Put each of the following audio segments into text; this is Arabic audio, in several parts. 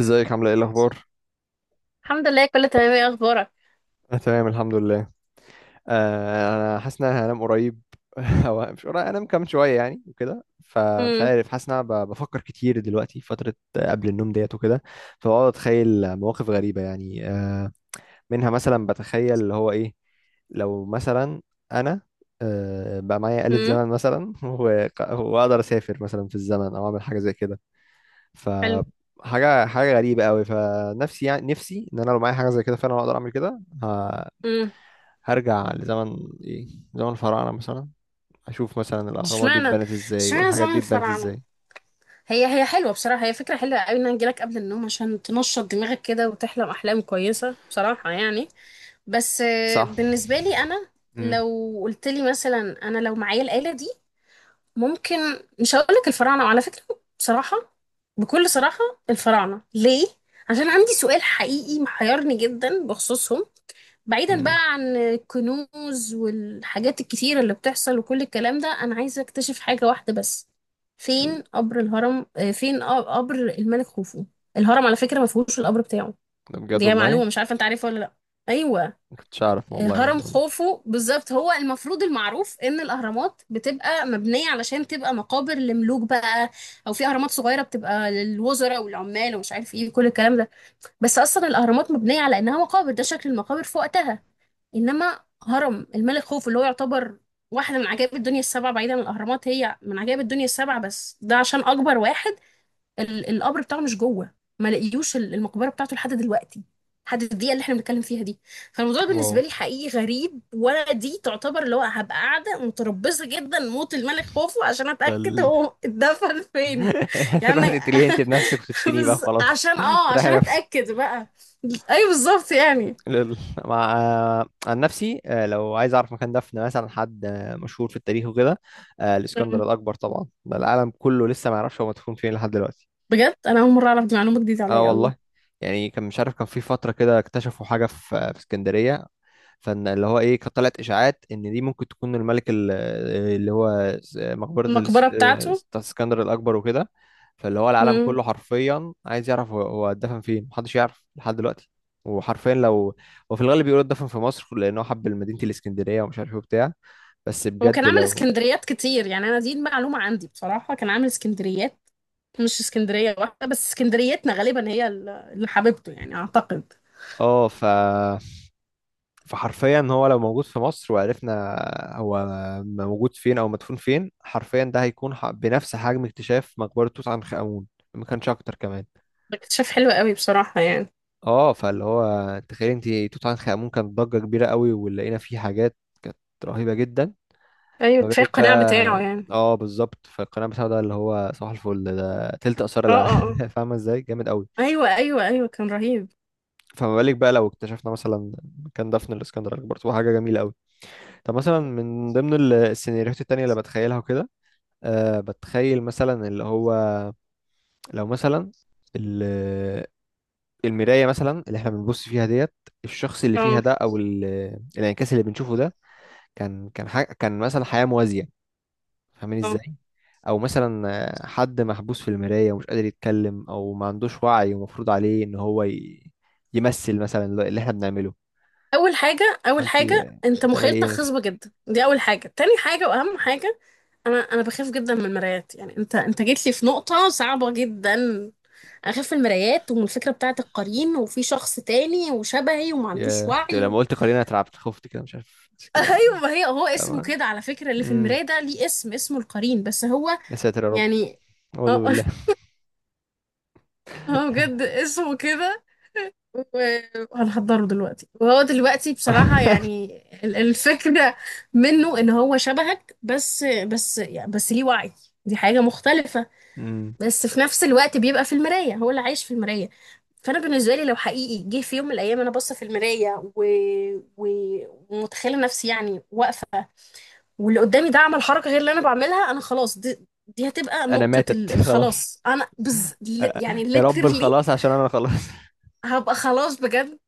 ازيك؟ عامله ايه الاخبار؟ الحمد لله، كله تمام. ايه اخبارك؟ انا تمام، الحمد لله. انا حاسس ان انا هنام قريب. او مش قريب، انام كمان شويه يعني وكده. فمش امم. عارف، حاسس ان انا بفكر كتير دلوقتي فتره قبل النوم ديت وكده. فبقعد اتخيل مواقف غريبه يعني. منها مثلا بتخيل اللي هو ايه. لو مثلا انا بقى معايا آلة امم. زمن مثلا، واقدر اسافر مثلا في الزمن او اعمل حاجه زي كده. حلو. فحاجة حاجة غريبة قوي، فنفسي يعني نفسي ان انا لو معايا حاجة زي كده فعلا اقدر اعمل كده. امم. هرجع لزمن ايه؟ زمن الفراعنة مثلا. اشوف مثلا الاهرامات دي اشمعنى اتبنت ازاي، اشمعنى والحاجات زمن دي اتبنت الفراعنه؟ ازاي. هي هي حلوه بصراحه، هي فكره حلوه قوي ان انا اجيلك قبل النوم عشان تنشط دماغك كده وتحلم احلام كويسه بصراحه يعني. بس صح. بالنسبه لي انا، امم. لو قلت لي مثلا انا لو معايا الاله دي، ممكن مش هقول لك الفراعنه، وعلى فكره بصراحه، بكل صراحه الفراعنه ليه؟ عشان عندي سؤال حقيقي محيرني جدا بخصوصهم. بعيدا امم. بقى عن الكنوز والحاجات الكتيرة اللي بتحصل وكل الكلام ده، أنا عايزة أكتشف حاجة واحدة بس. فين قبر الهرم، قبر الملك خوفو. الهرم على فكرة ما فيهوش القبر بتاعه. ده بجد دي والله؟ معلومة، مش عارفة أنت عارفها ولا لأ؟ أيوة. ما كنتش اعرف والله هرم الموضوع. خوفو بالظبط، هو المفروض المعروف إن الأهرامات بتبقى مبنية علشان تبقى مقابر لملوك بقى، أو في أهرامات صغيرة بتبقى للوزراء والعمال ومش عارف إيه كل الكلام ده. بس أصلا الأهرامات مبنية على إنها مقابر، ده شكل المقابر في وقتها. انما هرم الملك خوف اللي هو يعتبر واحدة من عجائب الدنيا السبعة. بعيدا عن الأهرامات، هي من عجائب الدنيا السبعة، بس ده عشان أكبر واحد. القبر بتاعه مش جوه. ما لقيوش المقبرة بتاعته لحد دلوقتي، لحد الدقيقة اللي احنا بنتكلم فيها دي. فالموضوع ده. واو. بالنسبة لي حقيقي غريب، ولا دي تعتبر اللي هو هبقى قاعدة متربصة جدا موت الملك خوفو عشان ده أتأكد هو اتدفن فين. يعني تروح تقتليه انت بنفسك وتدفنيه بقى خلاص، تريحي عشان نفسك. أتأكد بقى. أيوه بالظبط يعني. لل- مع آه، عن نفسي، لو عايز اعرف مكان دفن مثلا حد مشهور في التاريخ وكده. الاسكندر الاكبر طبعا، ده العالم كله لسه ما يعرفش هو مدفون فين لحد دلوقتي. بجد انا اول مره اعرف، دي معلومه جديده اه عليا قوي. والله. يعني كان مش عارف، كان في فترة كده اكتشفوا حاجة في اسكندرية. فان اللي هو ايه، كانت طلعت اشاعات ان دي ممكن تكون الملك اللي هو مقبرة المقبره بتاعته. اسكندر الاكبر وكده. فاللي هو العالم مم. كله حرفيا عايز يعرف هو اتدفن فين، محدش يعرف لحد دلوقتي. وحرفيا لو. وفي الغالب بيقولوا اتدفن في مصر، لانه حب مدينة الاسكندرية ومش عارف ايه وبتاع. بس هو كان بجد عامل لو اسكندريات كتير يعني. انا دي المعلومه عندي بصراحه، كان عامل اسكندريات، مش اسكندريه واحده بس. اسكندريتنا غالبا هي اللي حبيبته يعني، اعتقد. اه ف فحرفيا هو لو موجود في مصر وعرفنا هو موجود فين او مدفون فين، حرفيا ده هيكون بنفس حجم اكتشاف مقبرة توت عنخ آمون. ما كانش اكتر كمان. اكتشاف حلو قوي بصراحه يعني. اه، فاللي هو تخيل انت توت عنخ آمون كانت ضجة كبيرة قوي، ولقينا فيه حاجات كانت رهيبة جدا. ايوه ما كفايه بالك القناع بتاعه بقى. يعني. اه بالظبط، فالقناة بتاعه اللي هو صباح الفل ده تلت آثار اه العالم. اه اه. فاهمة ازاي؟ جامد قوي. ايوه ايوه ايوه، كان رهيب. فما بالك بقى لو اكتشفنا مثلا مكان دفن الاسكندر الأكبر، تبقى حاجة جميلة قوي. طب مثلا، من ضمن السيناريوهات التانية اللي بتخيلها وكده. بتخيل مثلا اللي هو لو مثلا ال- المراية مثلا اللي احنا بنبص فيها ديت. الشخص اللي فيها اه ده او الانعكاس اللي بنشوفه ده، كان حاجة، كان مثلا حياة موازية. فاهمين اه. ازاي؟ او مثلا حد محبوس في المراية ومش قادر يتكلم، او ما عندوش وعي، ومفروض عليه ان هو يمثل مثلا اللي احنا بنعمله. اول حاجه، اول فانت حاجه، انت هتعملي مخيلتك ايه مثلا؟ خصبه جدا، دي اول حاجه. تاني حاجه واهم حاجه، انا بخاف جدا من المرايات يعني، انت جيت لي في نقطه صعبه جدا. اخاف من المرايات، ومن الفكره بتاعه القرين، وفي شخص تاني وشبهي وما عندوش يا أنت، وعي. لما قلت قرينة اترعبت، خفت كده، مش عارف بس كده. ايوه، ما هي هو اسمه فاهمة. كده على فكره، اللي في امم. المرايه ده ليه اسم، اسمه القرين، بس هو، يا ساتر يا رب. يعني اعوذ اه بالله. هو بجد اسمه كده. وهنحضره دلوقتي، وهو دلوقتي بصراحه يعني الفكره منه ان هو شبهك، بس يعني، بس ليه وعي، دي حاجه مختلفه. مم. بس في نفس الوقت بيبقى في المراية، هو اللي عايش في المراية. فأنا بالنسبة لي لو حقيقي جه في يوم من الأيام أنا باصة في المراية و... ومتخيلة نفسي يعني واقفة، واللي قدامي ده عمل حركة غير اللي أنا بعملها، أنا خلاص. دي هتبقى انا نقطة ماتت خلاص. الخلاص. أنا آه، يا يعني رب الخلاص، literally عشان انا خلاص. هبقى خلاص بجد.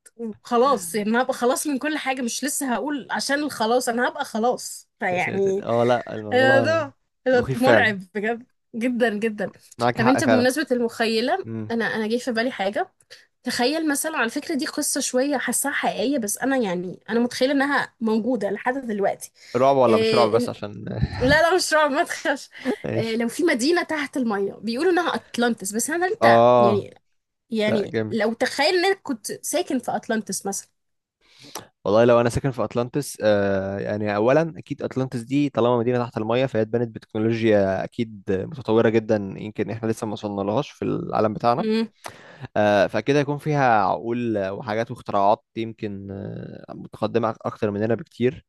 خلاص يعني هبقى خلاص من كل حاجة، مش لسه هقول عشان الخلاص، أنا هبقى خلاص يا ساتر. فيعني. اه لا، الموضوع ده الموضوع ده مخيف فعلا. مرعب بجد، جدا جدا. معاك طب حق انت فعلا. بمناسبة المخيلة، مم. انا جه في بالي حاجة. تخيل مثلا على فكرة، دي قصة شوية حاساها حقيقية، بس انا يعني انا متخيلة انها موجودة لحد دلوقتي. رعب ولا مش رعب؟ إيه؟ بس عشان لا لا، مش رعب، ما تخافش. إيه ايش؟ لو في مدينة تحت المية بيقولوا انها اطلانتس، بس انا انت اه يعني لا، يعني جامد. لو تخيل انك كنت ساكن في اطلانتس مثلا. والله لو انا ساكن في اطلانتس، يعني اولا اكيد اطلانتس دي طالما مدينه تحت الميه فهي اتبنت بتكنولوجيا اكيد متطوره جدا، يمكن احنا لسه ما وصلنا لهاش في العالم بتاعنا. امم. فاكيد هيكون فيها عقول وحاجات واختراعات يمكن متقدمه اكتر مننا بكتير.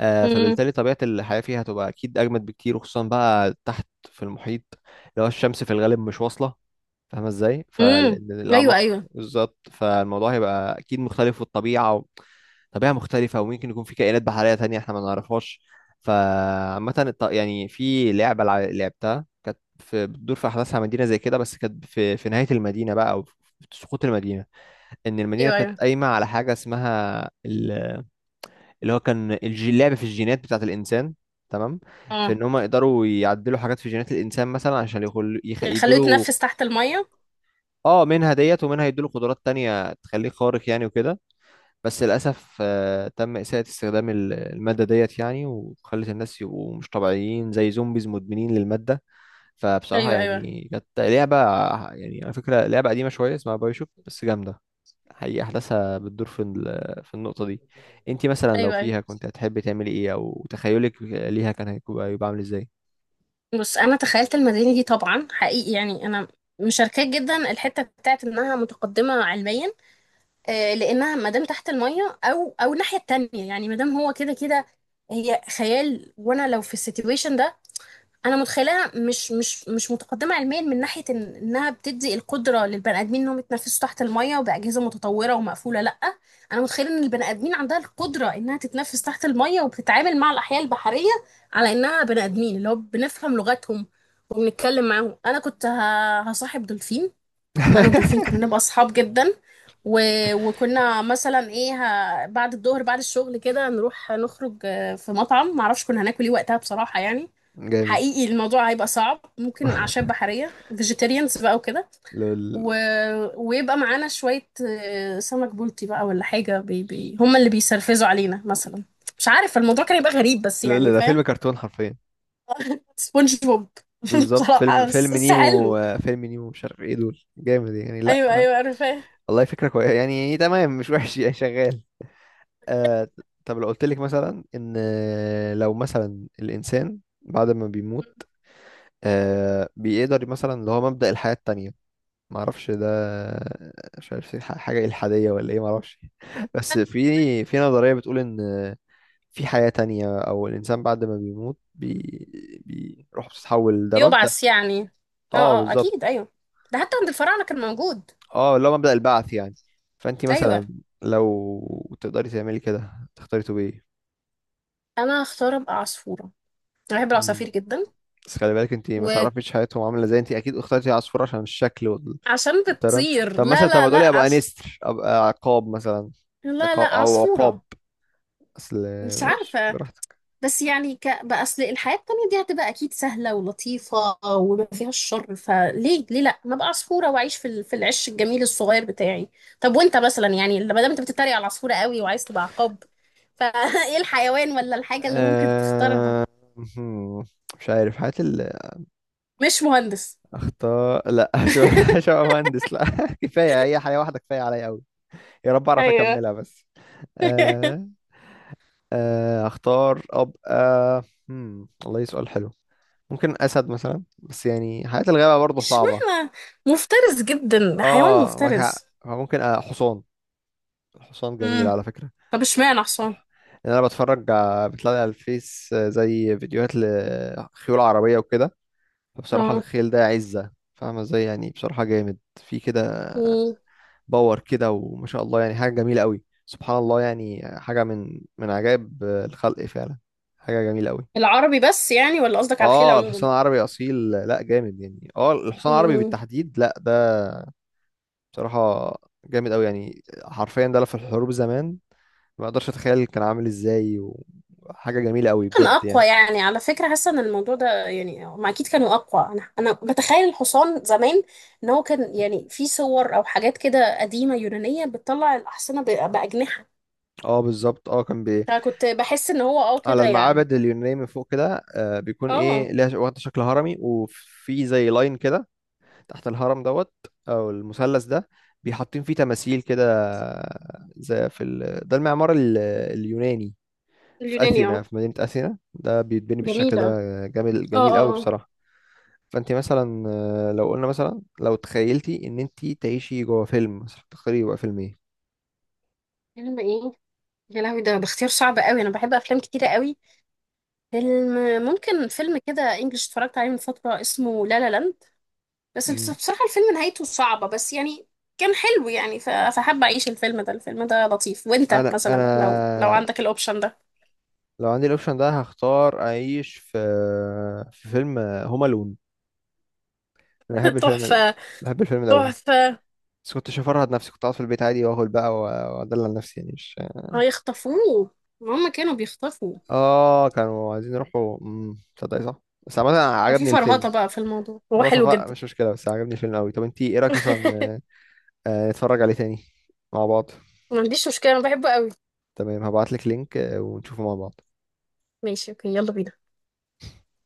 امم. فبالتالي طبيعة الحياة فيها هتبقى أكيد أجمد بكتير، وخصوصا بقى تحت في المحيط. اللي هو الشمس في الغالب مش واصلة. فاهمة ازاي؟ امم. فلأن ايوه الأعماق ايوه بالظبط، فالموضوع هيبقى أكيد مختلف، طبيعة مختلفة، وممكن يكون في كائنات بحرية تانية احنا ما نعرفهاش. فعامة يعني في لعبة لعبتها كانت في بتدور في أحداثها مدينة زي كده، بس كانت في نهاية المدينة بقى أو في سقوط المدينة. إن المدينة ايوه. كانت ايوه قايمة على حاجة اسمها، اللي هو كان اللعب في الجينات بتاعة الإنسان. تمام. في اه. إن هم يقدروا يعدلوا حاجات في جينات الإنسان مثلا عشان يعني خلوه يدوله. يتنفس تحت المية. اه، منها ديت ومنها يدوله قدرات تانية تخليه خارق يعني وكده. بس للأسف تم إساءة استخدام المادة ديت يعني، وخلت الناس يبقوا مش طبيعيين زي زومبيز مدمنين للمادة. فبصراحة ايوه ايوه يعني كانت لعبة، يعني على فكرة لعبة قديمة شوية اسمها بايوشوك، بس جامدة. حقيقة أحداثها بتدور في النقطة دي. انتي مثلا لو ايوه ايوه. فيها، كنت هتحبي تعملي ايه؟ أو تخيلك ليها كان هيكون يبقى عامل ازاي؟ بص انا تخيلت المدينه دي طبعا حقيقي يعني، انا مشاركاه جدا الحته بتاعت انها متقدمه علميا، لانها مادام تحت الميه، او الناحيه التانية يعني، مادام هو كده كده، هي خيال. وانا لو في السيتويشن ده، انا متخيلها مش متقدمه علميا من ناحيه إن انها بتدي القدره للبني ادمين انهم يتنفسوا تحت الميه وباجهزه متطوره ومقفوله، لا. انا متخيله ان البني ادمين عندها القدره انها تتنفس تحت الميه، وبتتعامل مع الاحياء البحريه على انها بني ادمين، اللي هو بنفهم لغتهم وبنتكلم معاهم. انا كنت هصاحب دولفين. انا والدولفين كنا نبقى اصحاب جدا و... وكنا مثلا ايه، بعد الظهر بعد الشغل كده نروح نخرج في مطعم، معرفش كنا هناكل ايه وقتها بصراحة يعني. جامد. حقيقي الموضوع هيبقى صعب، ممكن أعشاب بحرية، فيجيتيريانز بقى وكده لول، و... ويبقى معانا شوية سمك بلطي بقى ولا حاجة، هما اللي بيسرفزوا علينا مثلا. مش عارف الموضوع كان يبقى غريب بس لول. يعني، ده فيلم فاهم. كرتون حرفيا. سبونج بوب. بالظبط، فيلم بصراحة، بس فيلم بس نيمو. حلو. فيلم نيمو مش عارف ايه، دول جامد يعني، لا. أيوه أيوه، أنا فاهم. والله فكرة كويسة يعني، تمام مش وحش، يعني شغال. آه طب لو قلت لك مثلا ان لو مثلا الانسان بعد ما بيموت بيقدر مثلا اللي هو مبدأ الحياة التانية. ما اعرفش ده، مش عارف حاجة إلحادية ولا ايه، ما اعرفش. بس في في نظرية بتقول ان في حياة تانية، او الانسان بعد ما بيموت بيروح بتتحول، ده مبدأ. بيبعث يعني. اه اه اه، بالظبط، اكيد ايوه، ده حتى عند الفراعنه كان موجود. اه اللي هو مبدأ البعث يعني. فانت ايوه. مثلا لو تقدري تعملي كده، تختاري تبقي انا هختار ابقى عصفوره، انا بحب ايه؟ العصافير جدا. بس خلي بالك انت ما وعشان تعرفيش حياتهم عامله ازاي، انت اكيد اخترتي عصفور عشان الشكل والطيران. بتطير. طب لا مثلا، طب لا ما تقولي لا ابقى نستر، ابقى عقاب مثلا. لا لا عقاب او عقاب، عصفوره. اصل. مش ماشي عارفه. براحتك. بس يعني بقى اصل الحياه التانية دي هتبقى اكيد سهله ولطيفه وما فيهاش شر. فليه ليه لا، ما ابقى عصفوره واعيش في في العش الجميل الصغير بتاعي. طب وانت مثلا، يعني لما دام انت بتتريق على العصفوره قوي وعايز تبقى عقاب، فايه الحيوان ولا الحاجه اللي ممكن تختارها؟ أه... هم، مش عارف حياة مش مهندس. اختار. لا. شو مهندس؟ لا، كفايه هي حياه واحده كفايه عليا قوي. يا رب اعرف ايوه اكملها بس. أه... اختار ابقى. والله سؤال حلو. ممكن اسد مثلا، بس يعني حياة الغابة برضه صعبة. اشمعنى؟ مفترس جدا، حيوان اه معاك حق، مفترس. فممكن حصان. الحصان جميل امم. على فكرة. طب اشمعنى حصان؟ لأن أنا بتلاقي على الفيس زي فيديوهات لخيول عربية وكده. فبصراحة، اه. الخيل ده عزة، فاهمة ازاي؟ يعني بصراحة جامد في كده. مم. باور كده، وما شاء الله يعني. حاجة جميلة قوي، سبحان الله يعني. حاجة من عجائب الخلق فعلا. حاجة جميلة قوي. العربي بس يعني، ولا قصدك على الخيل اه، عموما؟ الحصان العربي أصيل، لا جامد يعني. اه، الحصان العربي مم. بالتحديد، لا ده. بصراحة جامد قوي يعني، حرفيا ده لا في الحروب زمان. ما اقدرش اتخيل كان عامل ازاي. وحاجه جميله قوي كان بجد اقوى يعني. يعني، على فكره حاسه ان الموضوع ده يعني، هم اكيد كانوا اقوى. انا بتخيل الحصان زمان، ان هو كان يعني في صور او حاجات كده قديمه يونانيه بتطلع الاحصنه باجنحه. اه بالظبط، اه كان فكنت بحس ان هو على كده يعني. المعابد اليونانيه من فوق كده بيكون ايه اه. ليها واخده شكل هرمي، وفي زي لاين كده. تحت الهرم دوت، او المثلث ده. بيحطين فيه تماثيل كده، زي ده المعمار اليوناني. في اليوناني، اثينا، اه. في مدينه اثينا ده بيتبني بالشكل ده. جميله. جميل اه جميل اه قوي اه. بصراحه. فانت مثلا لو قلنا مثلا لو تخيلتي ان انت تعيشي جوه فيلم مثلا، تختاري يبقى فيلم ايه؟ انما ايه؟ يا لهوي، ده اختيار صعب قوي، انا بحب افلام كتيره قوي. فيلم، ممكن فيلم كده انجلش اتفرجت عليه من فتره اسمه لا لا لاند، بس بصراحه الفيلم نهايته صعبه، بس يعني كان حلو يعني. فحابه اعيش الفيلم ده، الفيلم ده لطيف. وانت انا مثلا لو عندك الاوبشن ده؟ لو عندي الاوبشن ده، هختار اعيش في فيلم هوم الون. انا بحب الفيلم ده، تحفه، بحب الفيلم ده قوي. تحفه. بس كنتش هفرهد نفسي، كنت قاعد في البيت عادي واكل بقى وادلع نفسي يعني، مش. هيخطفوه، هما كانوا بيخطفوا. اه، كانوا عايزين يروحوا. تصدقي؟ صح. بس عامة ففي عجبني الفيلم. فرهضه بقى في الموضوع، هو خلاص حلو صفاء، جدا. مش مشكلة، بس عجبني الفيلم قوي. طب انتي ايه رأيك مثلا، نتفرج عليه تاني مع بعض؟ ما عنديش مشكله، انا بحبه قوي. تمام، هبعتلك لينك ونشوفه مع بعض. ماشي، اوكي، يلا بينا.